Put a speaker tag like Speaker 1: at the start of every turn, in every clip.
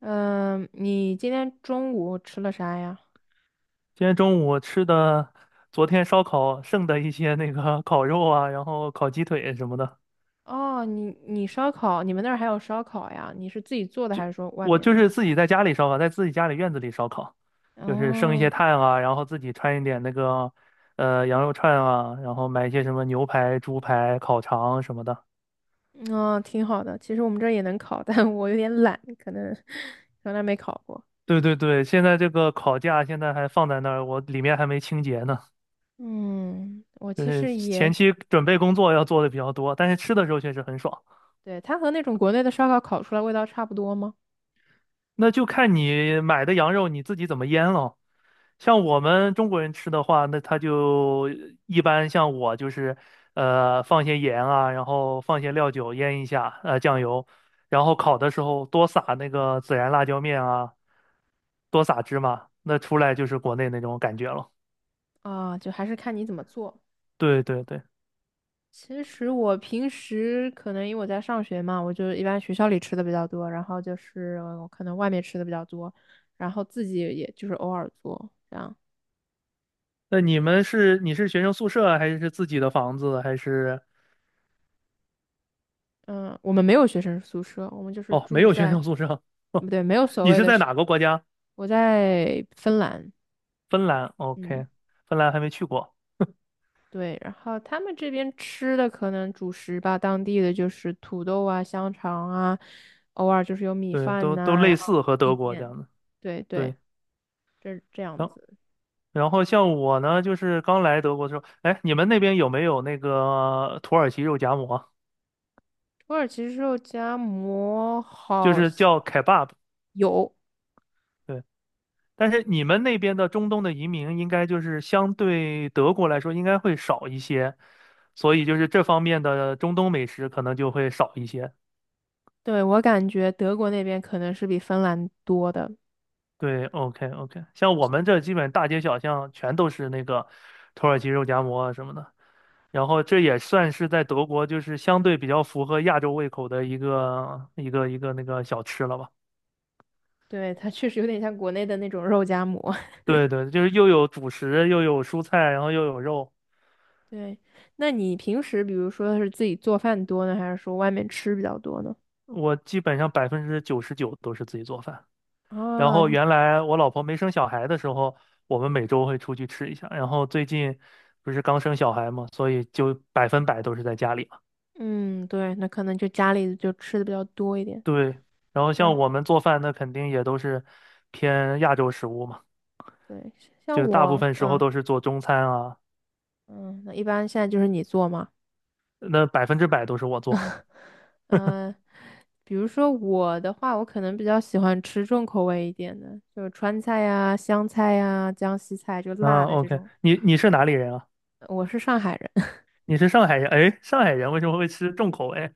Speaker 1: 嗯，你今天中午吃了啥呀？
Speaker 2: 今天中午吃的昨天烧烤剩的一些那个 烤肉啊，然后烤鸡腿什么的，
Speaker 1: 哦，你烧烤，你们那儿还有烧烤呀？你是自己做的还是说外
Speaker 2: 我
Speaker 1: 面
Speaker 2: 就
Speaker 1: 的？
Speaker 2: 是自己在家里烧烤，在自己家里院子里烧烤，就是剩一些
Speaker 1: 哦，
Speaker 2: 炭啊，然后自己穿一点那个羊肉串啊，然后买一些什么牛排、猪排、烤肠什么的。
Speaker 1: 哦，挺好的。其实我们这儿也能烤，但我有点懒，可能从来没烤过。
Speaker 2: 对对对，现在这个烤架现在还放在那儿，我里面还没清洁呢，
Speaker 1: 嗯，我
Speaker 2: 就
Speaker 1: 其
Speaker 2: 是
Speaker 1: 实
Speaker 2: 前
Speaker 1: 也，
Speaker 2: 期准备工作要做的比较多，但是吃的时候确实很爽。
Speaker 1: 对，它和那种国内的烧烤烤出来味道差不多吗？
Speaker 2: 那就看你买的羊肉你自己怎么腌了。像我们中国人吃的话，那他就一般像我就是，放些盐啊，然后放些料酒腌一下，酱油，然后烤的时候多撒那个孜然辣椒面啊，多撒芝麻，那出来就是国内那种感觉了。
Speaker 1: 啊，就还是看你怎么做。
Speaker 2: 对对对，
Speaker 1: 其实我平时可能因为我在上学嘛，我就一般学校里吃的比较多，然后就是我可能外面吃的比较多，然后自己也就是偶尔做这样。
Speaker 2: 那你们是你是学生宿舍啊还是自己的房子还是？
Speaker 1: 嗯，我们没有学生宿舍，我们就是
Speaker 2: 哦，没
Speaker 1: 住
Speaker 2: 有学
Speaker 1: 在，
Speaker 2: 生宿舍，
Speaker 1: 不 对，没有所
Speaker 2: 你
Speaker 1: 谓
Speaker 2: 是
Speaker 1: 的
Speaker 2: 在
Speaker 1: 学
Speaker 2: 哪个国家？
Speaker 1: 我在芬兰，
Speaker 2: 芬兰
Speaker 1: 嗯，
Speaker 2: ，OK，芬兰还没去过。
Speaker 1: 对，然后他们这边吃的可能主食吧，当地的就是土豆啊、香肠啊，偶尔就是有米
Speaker 2: 对，
Speaker 1: 饭
Speaker 2: 都
Speaker 1: 呐、
Speaker 2: 类
Speaker 1: 然后
Speaker 2: 似和
Speaker 1: 意
Speaker 2: 德国这
Speaker 1: 面，
Speaker 2: 样的。
Speaker 1: 对对，
Speaker 2: 对。
Speaker 1: 这这样子。
Speaker 2: 然后像我呢，就是刚来德国的时候，哎，你们那边有没有那个土耳其肉夹馍？
Speaker 1: 土耳其肉夹馍
Speaker 2: 就
Speaker 1: 好
Speaker 2: 是
Speaker 1: 像
Speaker 2: 叫 kebab。
Speaker 1: 有，
Speaker 2: 对，但是你们那边的中东的移民应该就是相对德国来说应该会少一些，所以就是这方面的中东美食可能就会少一些。
Speaker 1: 对，我感觉德国那边可能是比芬兰多的，
Speaker 2: 对，OK OK,像我们这基本大街小巷全都是那个土耳其肉夹馍啊什么的，然后这也算是在德国就是相对比较符合亚洲胃口的一个那个小吃了吧。
Speaker 1: 对，它确实有点像国内的那种肉夹馍。
Speaker 2: 对对，就是又有主食，又有蔬菜，然后又有肉。
Speaker 1: 对，那你平时比如说是自己做饭多呢，还是说外面吃比较多呢？
Speaker 2: 我基本上99%都是自己做饭。然
Speaker 1: 啊，
Speaker 2: 后原来我老婆没生小孩的时候，我们每周会出去吃一下。然后最近不是刚生小孩嘛，所以就100%都是在家里嘛。
Speaker 1: 嗯，对，那可能就家里就吃的比较多一点。
Speaker 2: 对，然后
Speaker 1: 嗯，
Speaker 2: 像我们做饭，那肯定也都是偏亚洲食物嘛，
Speaker 1: 对，像
Speaker 2: 就大部
Speaker 1: 我，
Speaker 2: 分时候
Speaker 1: 嗯
Speaker 2: 都是做中餐啊，
Speaker 1: 嗯，那一般现在就是你做吗？
Speaker 2: 那100%都是我做。
Speaker 1: 嗯、呃比如说我的话，我可能比较喜欢吃重口味一点的，就川菜呀、湘菜呀、江西菜，就辣
Speaker 2: 啊
Speaker 1: 的这
Speaker 2: ，OK，
Speaker 1: 种。
Speaker 2: 你是哪里人啊？
Speaker 1: 我是上海人，
Speaker 2: 你是上海人？哎，上海人为什么会吃重口味？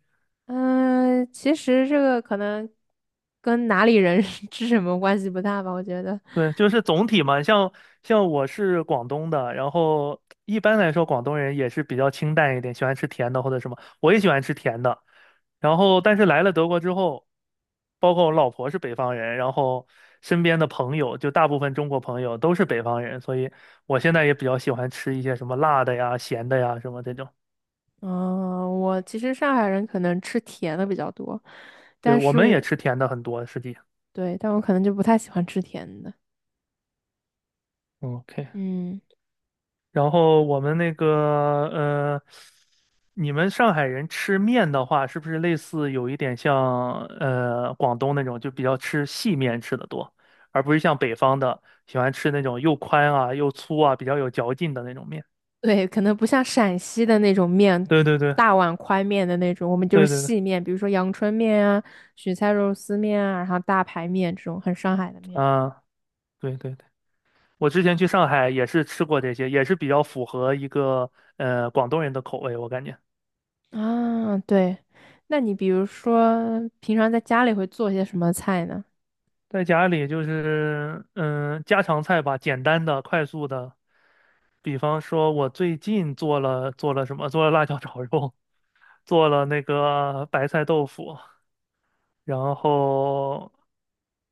Speaker 1: 嗯、其实这个可能跟哪里人 吃什么关系不大吧，我觉得。
Speaker 2: 对，就是总体嘛，像我是广东的，然后一般来说广东人也是比较清淡一点，喜欢吃甜的或者什么，我也喜欢吃甜的。然后，但是来了德国之后，包括我老婆是北方人，然后身边的朋友就大部分中国朋友都是北方人，所以我现在也比较喜欢吃一些什么辣的呀、咸的呀什么这种。
Speaker 1: 嗯、我其实上海人可能吃甜的比较多，
Speaker 2: 对，
Speaker 1: 但
Speaker 2: 我
Speaker 1: 是
Speaker 2: 们也
Speaker 1: 我
Speaker 2: 吃甜的很多，实际。
Speaker 1: 对，但我可能就不太喜欢吃甜的。
Speaker 2: 嗯，OK。
Speaker 1: 嗯。
Speaker 2: 然后我们那个呃，你们上海人吃面的话，是不是类似有一点像广东那种，就比较吃细面吃的多，而不是像北方的喜欢吃那种又宽啊又粗啊比较有嚼劲的那种面？
Speaker 1: 对，可能不像陕西的那种面，
Speaker 2: 对对对
Speaker 1: 大碗宽面的那种，我们就是
Speaker 2: 对对对，
Speaker 1: 细面，比如说阳春面啊、雪菜肉丝面啊，然后大排面这种很上海的面
Speaker 2: 啊，对对对，我之前去上海也是吃过这些，也是比较符合一个广东人的口味，我感觉
Speaker 1: 啊。对，那你比如说平常在家里会做些什么菜呢？
Speaker 2: 在家里就是嗯、家常菜吧，简单的快速的。比方说，我最近做了什么？做了辣椒 炒肉，做了那个白菜豆腐，然后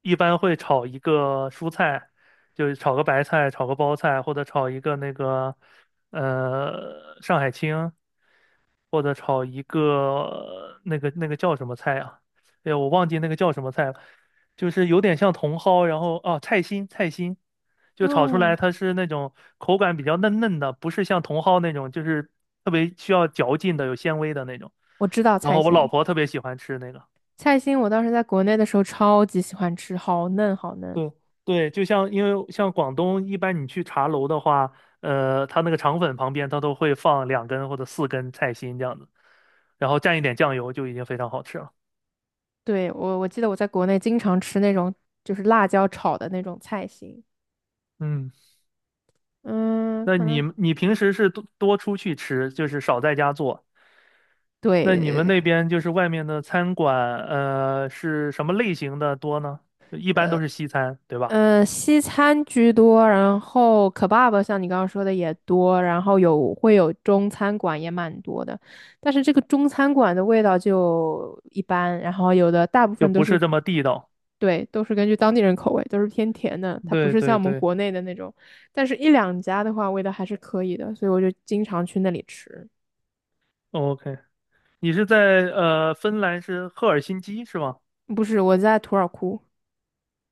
Speaker 2: 一般会炒一个蔬菜，就是炒个白菜，炒个包菜，或者炒一个那个上海青，或者炒一个那个叫什么菜啊？哎呀，我忘记那个叫什么菜了，就是有点像茼蒿，然后哦，菜心菜心，就炒出
Speaker 1: 哦，
Speaker 2: 来它是那种口感比较嫩嫩的，不是像茼蒿那种，就是特别需要嚼劲的，有纤维的那种。
Speaker 1: 我知道
Speaker 2: 然
Speaker 1: 菜
Speaker 2: 后我老
Speaker 1: 心，
Speaker 2: 婆特别喜欢吃那个。
Speaker 1: 菜心我当时在国内的时候超级喜欢吃，好嫩好嫩。
Speaker 2: 对对，就像因为像广东一般，你去茶楼的话，它那个肠粉旁边它都会放两根或者四根菜心这样子，然后蘸一点酱油就已经非常好吃了。
Speaker 1: 对，我记得我在国内经常吃那种就是辣椒炒的那种菜心，
Speaker 2: 嗯。
Speaker 1: 嗯，
Speaker 2: 那
Speaker 1: 可
Speaker 2: 你
Speaker 1: 能。
Speaker 2: 你平时是多多出去吃，就是少在家做。那你们
Speaker 1: 对，
Speaker 2: 那边就是外面的餐馆，是什么类型的多呢？一般都是西餐，对吧？
Speaker 1: 嗯，西餐居多，然后可爸爸像你刚刚说的也多，然后有会有中餐馆也蛮多的，但是这个中餐馆的味道就一般，然后有的大部
Speaker 2: 就
Speaker 1: 分都
Speaker 2: 不是
Speaker 1: 是，
Speaker 2: 这么地道。
Speaker 1: 对，都是根据当地人口味，都是偏甜的，它不
Speaker 2: 对
Speaker 1: 是像
Speaker 2: 对
Speaker 1: 我们
Speaker 2: 对
Speaker 1: 国内的那种，但是一两家的话味道还是可以的，所以我就经常去那里吃。
Speaker 2: ，OK。你是在芬兰是赫尔辛基是吗？
Speaker 1: 不是，我在土尔库，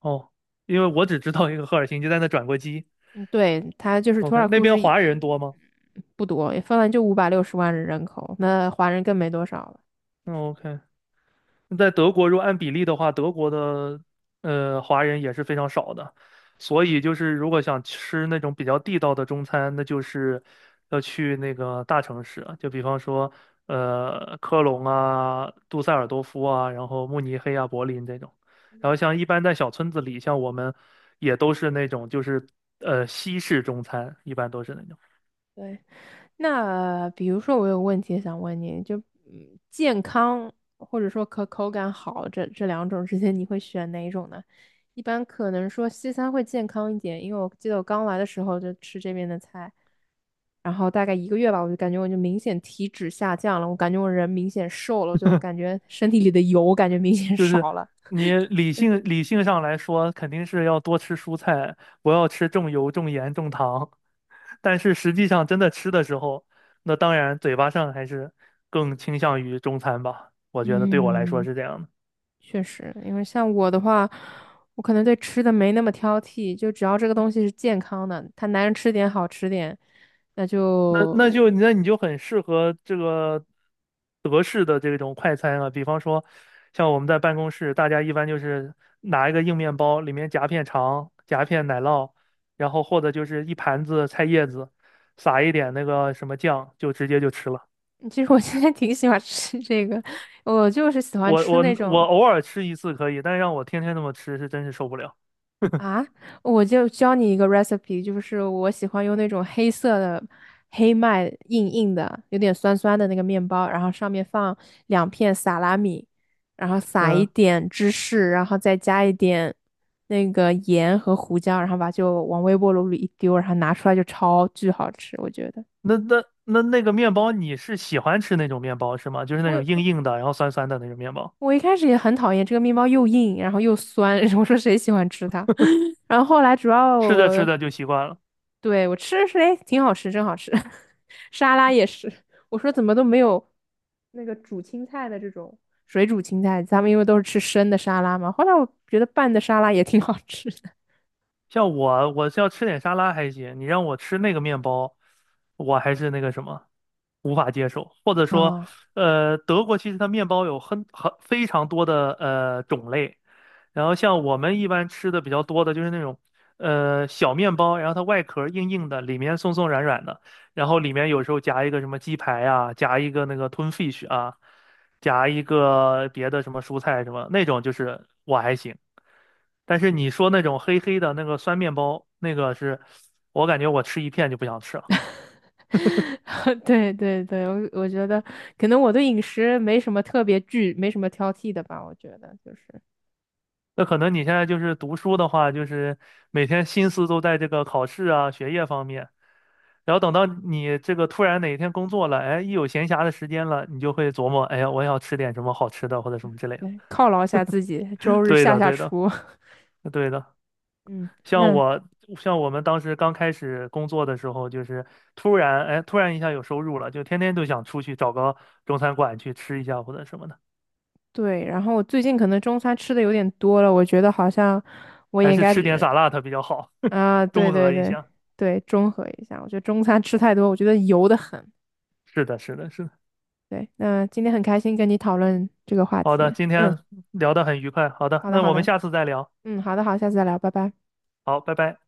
Speaker 2: 哦，因为我只知道一个赫尔辛基，在那转过机。
Speaker 1: 嗯，对，它就是土
Speaker 2: OK，
Speaker 1: 尔
Speaker 2: 那
Speaker 1: 库
Speaker 2: 边
Speaker 1: 是一
Speaker 2: 华
Speaker 1: 嗯
Speaker 2: 人多吗
Speaker 1: 不多，芬兰就560万人口，那华人更没多少了。
Speaker 2: ？OK，嗯在德国，如果按比例的话，德国的华人也是非常少的，所以就是如果想吃那种比较地道的中餐，那就是要去那个大城市啊，就比方说科隆啊、杜塞尔多夫啊，然后慕尼黑啊、柏林这种。然后像一般在小村子里，像我们也都是那种就是西式中餐，一般都是那种。
Speaker 1: 对，那比如说我有问题想问你，就嗯，健康或者说可口感好这这两种之间，你会选哪一种呢？一般可能说西餐会健康一点，因为我记得我刚来的时候就吃这边的菜，然后大概一个月吧，我就感觉我就明显体脂下降了，我感觉我人明显瘦了，我就感觉身体里的油感觉明显
Speaker 2: 就是
Speaker 1: 少了。
Speaker 2: 你理性上来说，肯定是要多吃蔬菜，不要吃重油、重盐、重糖。但是实际上真的吃的时候，那当然嘴巴上还是更倾向于中餐吧。我觉得对我来说
Speaker 1: 嗯，
Speaker 2: 是这样的。
Speaker 1: 确实，因为像我的话，我可能对吃的没那么挑剔，就只要这个东西是健康的，他男人吃点好吃点，那
Speaker 2: 那那
Speaker 1: 就
Speaker 2: 就那你就很适合这个德式的这种快餐啊，比方说像我们在办公室，大家一般就是拿一个硬面包，里面夹片肠、夹片奶酪，然后或者就是一盘子菜叶子，撒一点那个什么酱，就直接就吃了。
Speaker 1: 其实我现在挺喜欢吃这个，我就是喜欢
Speaker 2: 我
Speaker 1: 吃
Speaker 2: 我
Speaker 1: 那
Speaker 2: 我
Speaker 1: 种。
Speaker 2: 偶尔吃一次可以，但让我天天那么吃是真是受不了。
Speaker 1: 啊，我就教你一个 recipe，就是我喜欢用那种黑色的黑麦硬硬的，有点酸酸的那个面包，然后上面放两片萨拉米，然后撒一
Speaker 2: 嗯，
Speaker 1: 点芝士，然后再加一点那个盐和胡椒，然后把就往微波炉里一丢，然后拿出来就超巨好吃，我觉得。
Speaker 2: 那那个面包你是喜欢吃那种面包是吗？就是那种硬
Speaker 1: 我
Speaker 2: 硬的，然后酸酸的那种面包，
Speaker 1: 我一开始也很讨厌这个面包又硬，然后又酸，我说谁喜欢吃它？然后后来主要
Speaker 2: 吃着吃
Speaker 1: 我
Speaker 2: 着就习惯了。
Speaker 1: 对，我吃的是，哎，挺好吃，真好吃。沙拉也是，我说怎么都没有那个煮青菜的这种水煮青菜，咱们因为都是吃生的沙拉嘛。后来我觉得拌的沙拉也挺好吃的
Speaker 2: 像我，我是要吃点沙拉还行，你让我吃那个面包，我还是那个什么，无法接受。或者说，
Speaker 1: 啊。
Speaker 2: 德国其实它面包有很非常多的种类，然后像我们一般吃的比较多的就是那种，小面包，然后它外壳硬硬的，里面松松软软的，然后里面有时候夹一个什么鸡排啊，夹一个那个吞 fish 啊，夹一个别的什么蔬菜什么那种，就是我还行。但是你说那种黑黑的那个酸面包，那个是我感觉我吃一片就不想吃了。
Speaker 1: 对对对，我觉得可能我对饮食没什么特别惧，没什么挑剔的吧。我觉得就是
Speaker 2: 那可能你现在就是读书的话，就是每天心思都在这个考试啊、学业方面。然后等到你这个突然哪一天工作了，哎，一有闲暇的时间了，你就会琢磨，哎呀，我要吃点什么好吃的或者什么之类的。
Speaker 1: 对，犒劳一下自己，周 日
Speaker 2: 对
Speaker 1: 下
Speaker 2: 的，
Speaker 1: 下
Speaker 2: 对的，
Speaker 1: 厨。
Speaker 2: 对的。
Speaker 1: 嗯，
Speaker 2: 像
Speaker 1: 那
Speaker 2: 我，像我们当时刚开始工作的时候，就是突然，哎，突然一下有收入了，就天天都想出去找个中餐馆去吃一下或者什么的，
Speaker 1: 对。然后我最近可能中餐吃的有点多了，我觉得好像我也
Speaker 2: 还
Speaker 1: 应
Speaker 2: 是
Speaker 1: 该
Speaker 2: 吃点 SAL 比较好，
Speaker 1: 啊，对
Speaker 2: 中
Speaker 1: 对
Speaker 2: 和一
Speaker 1: 对
Speaker 2: 下。
Speaker 1: 对，中和一下。我觉得中餐吃太多，我觉得油的很。
Speaker 2: 是的，是的，是的。
Speaker 1: 对，那今天很开心跟你讨论这个话
Speaker 2: 好的，
Speaker 1: 题。
Speaker 2: 今
Speaker 1: 嗯，
Speaker 2: 天聊得很愉快。好的，
Speaker 1: 好的
Speaker 2: 那
Speaker 1: 好
Speaker 2: 我们
Speaker 1: 的，
Speaker 2: 下次再聊。
Speaker 1: 嗯，好的好，下次再聊，拜拜。
Speaker 2: 好，拜拜。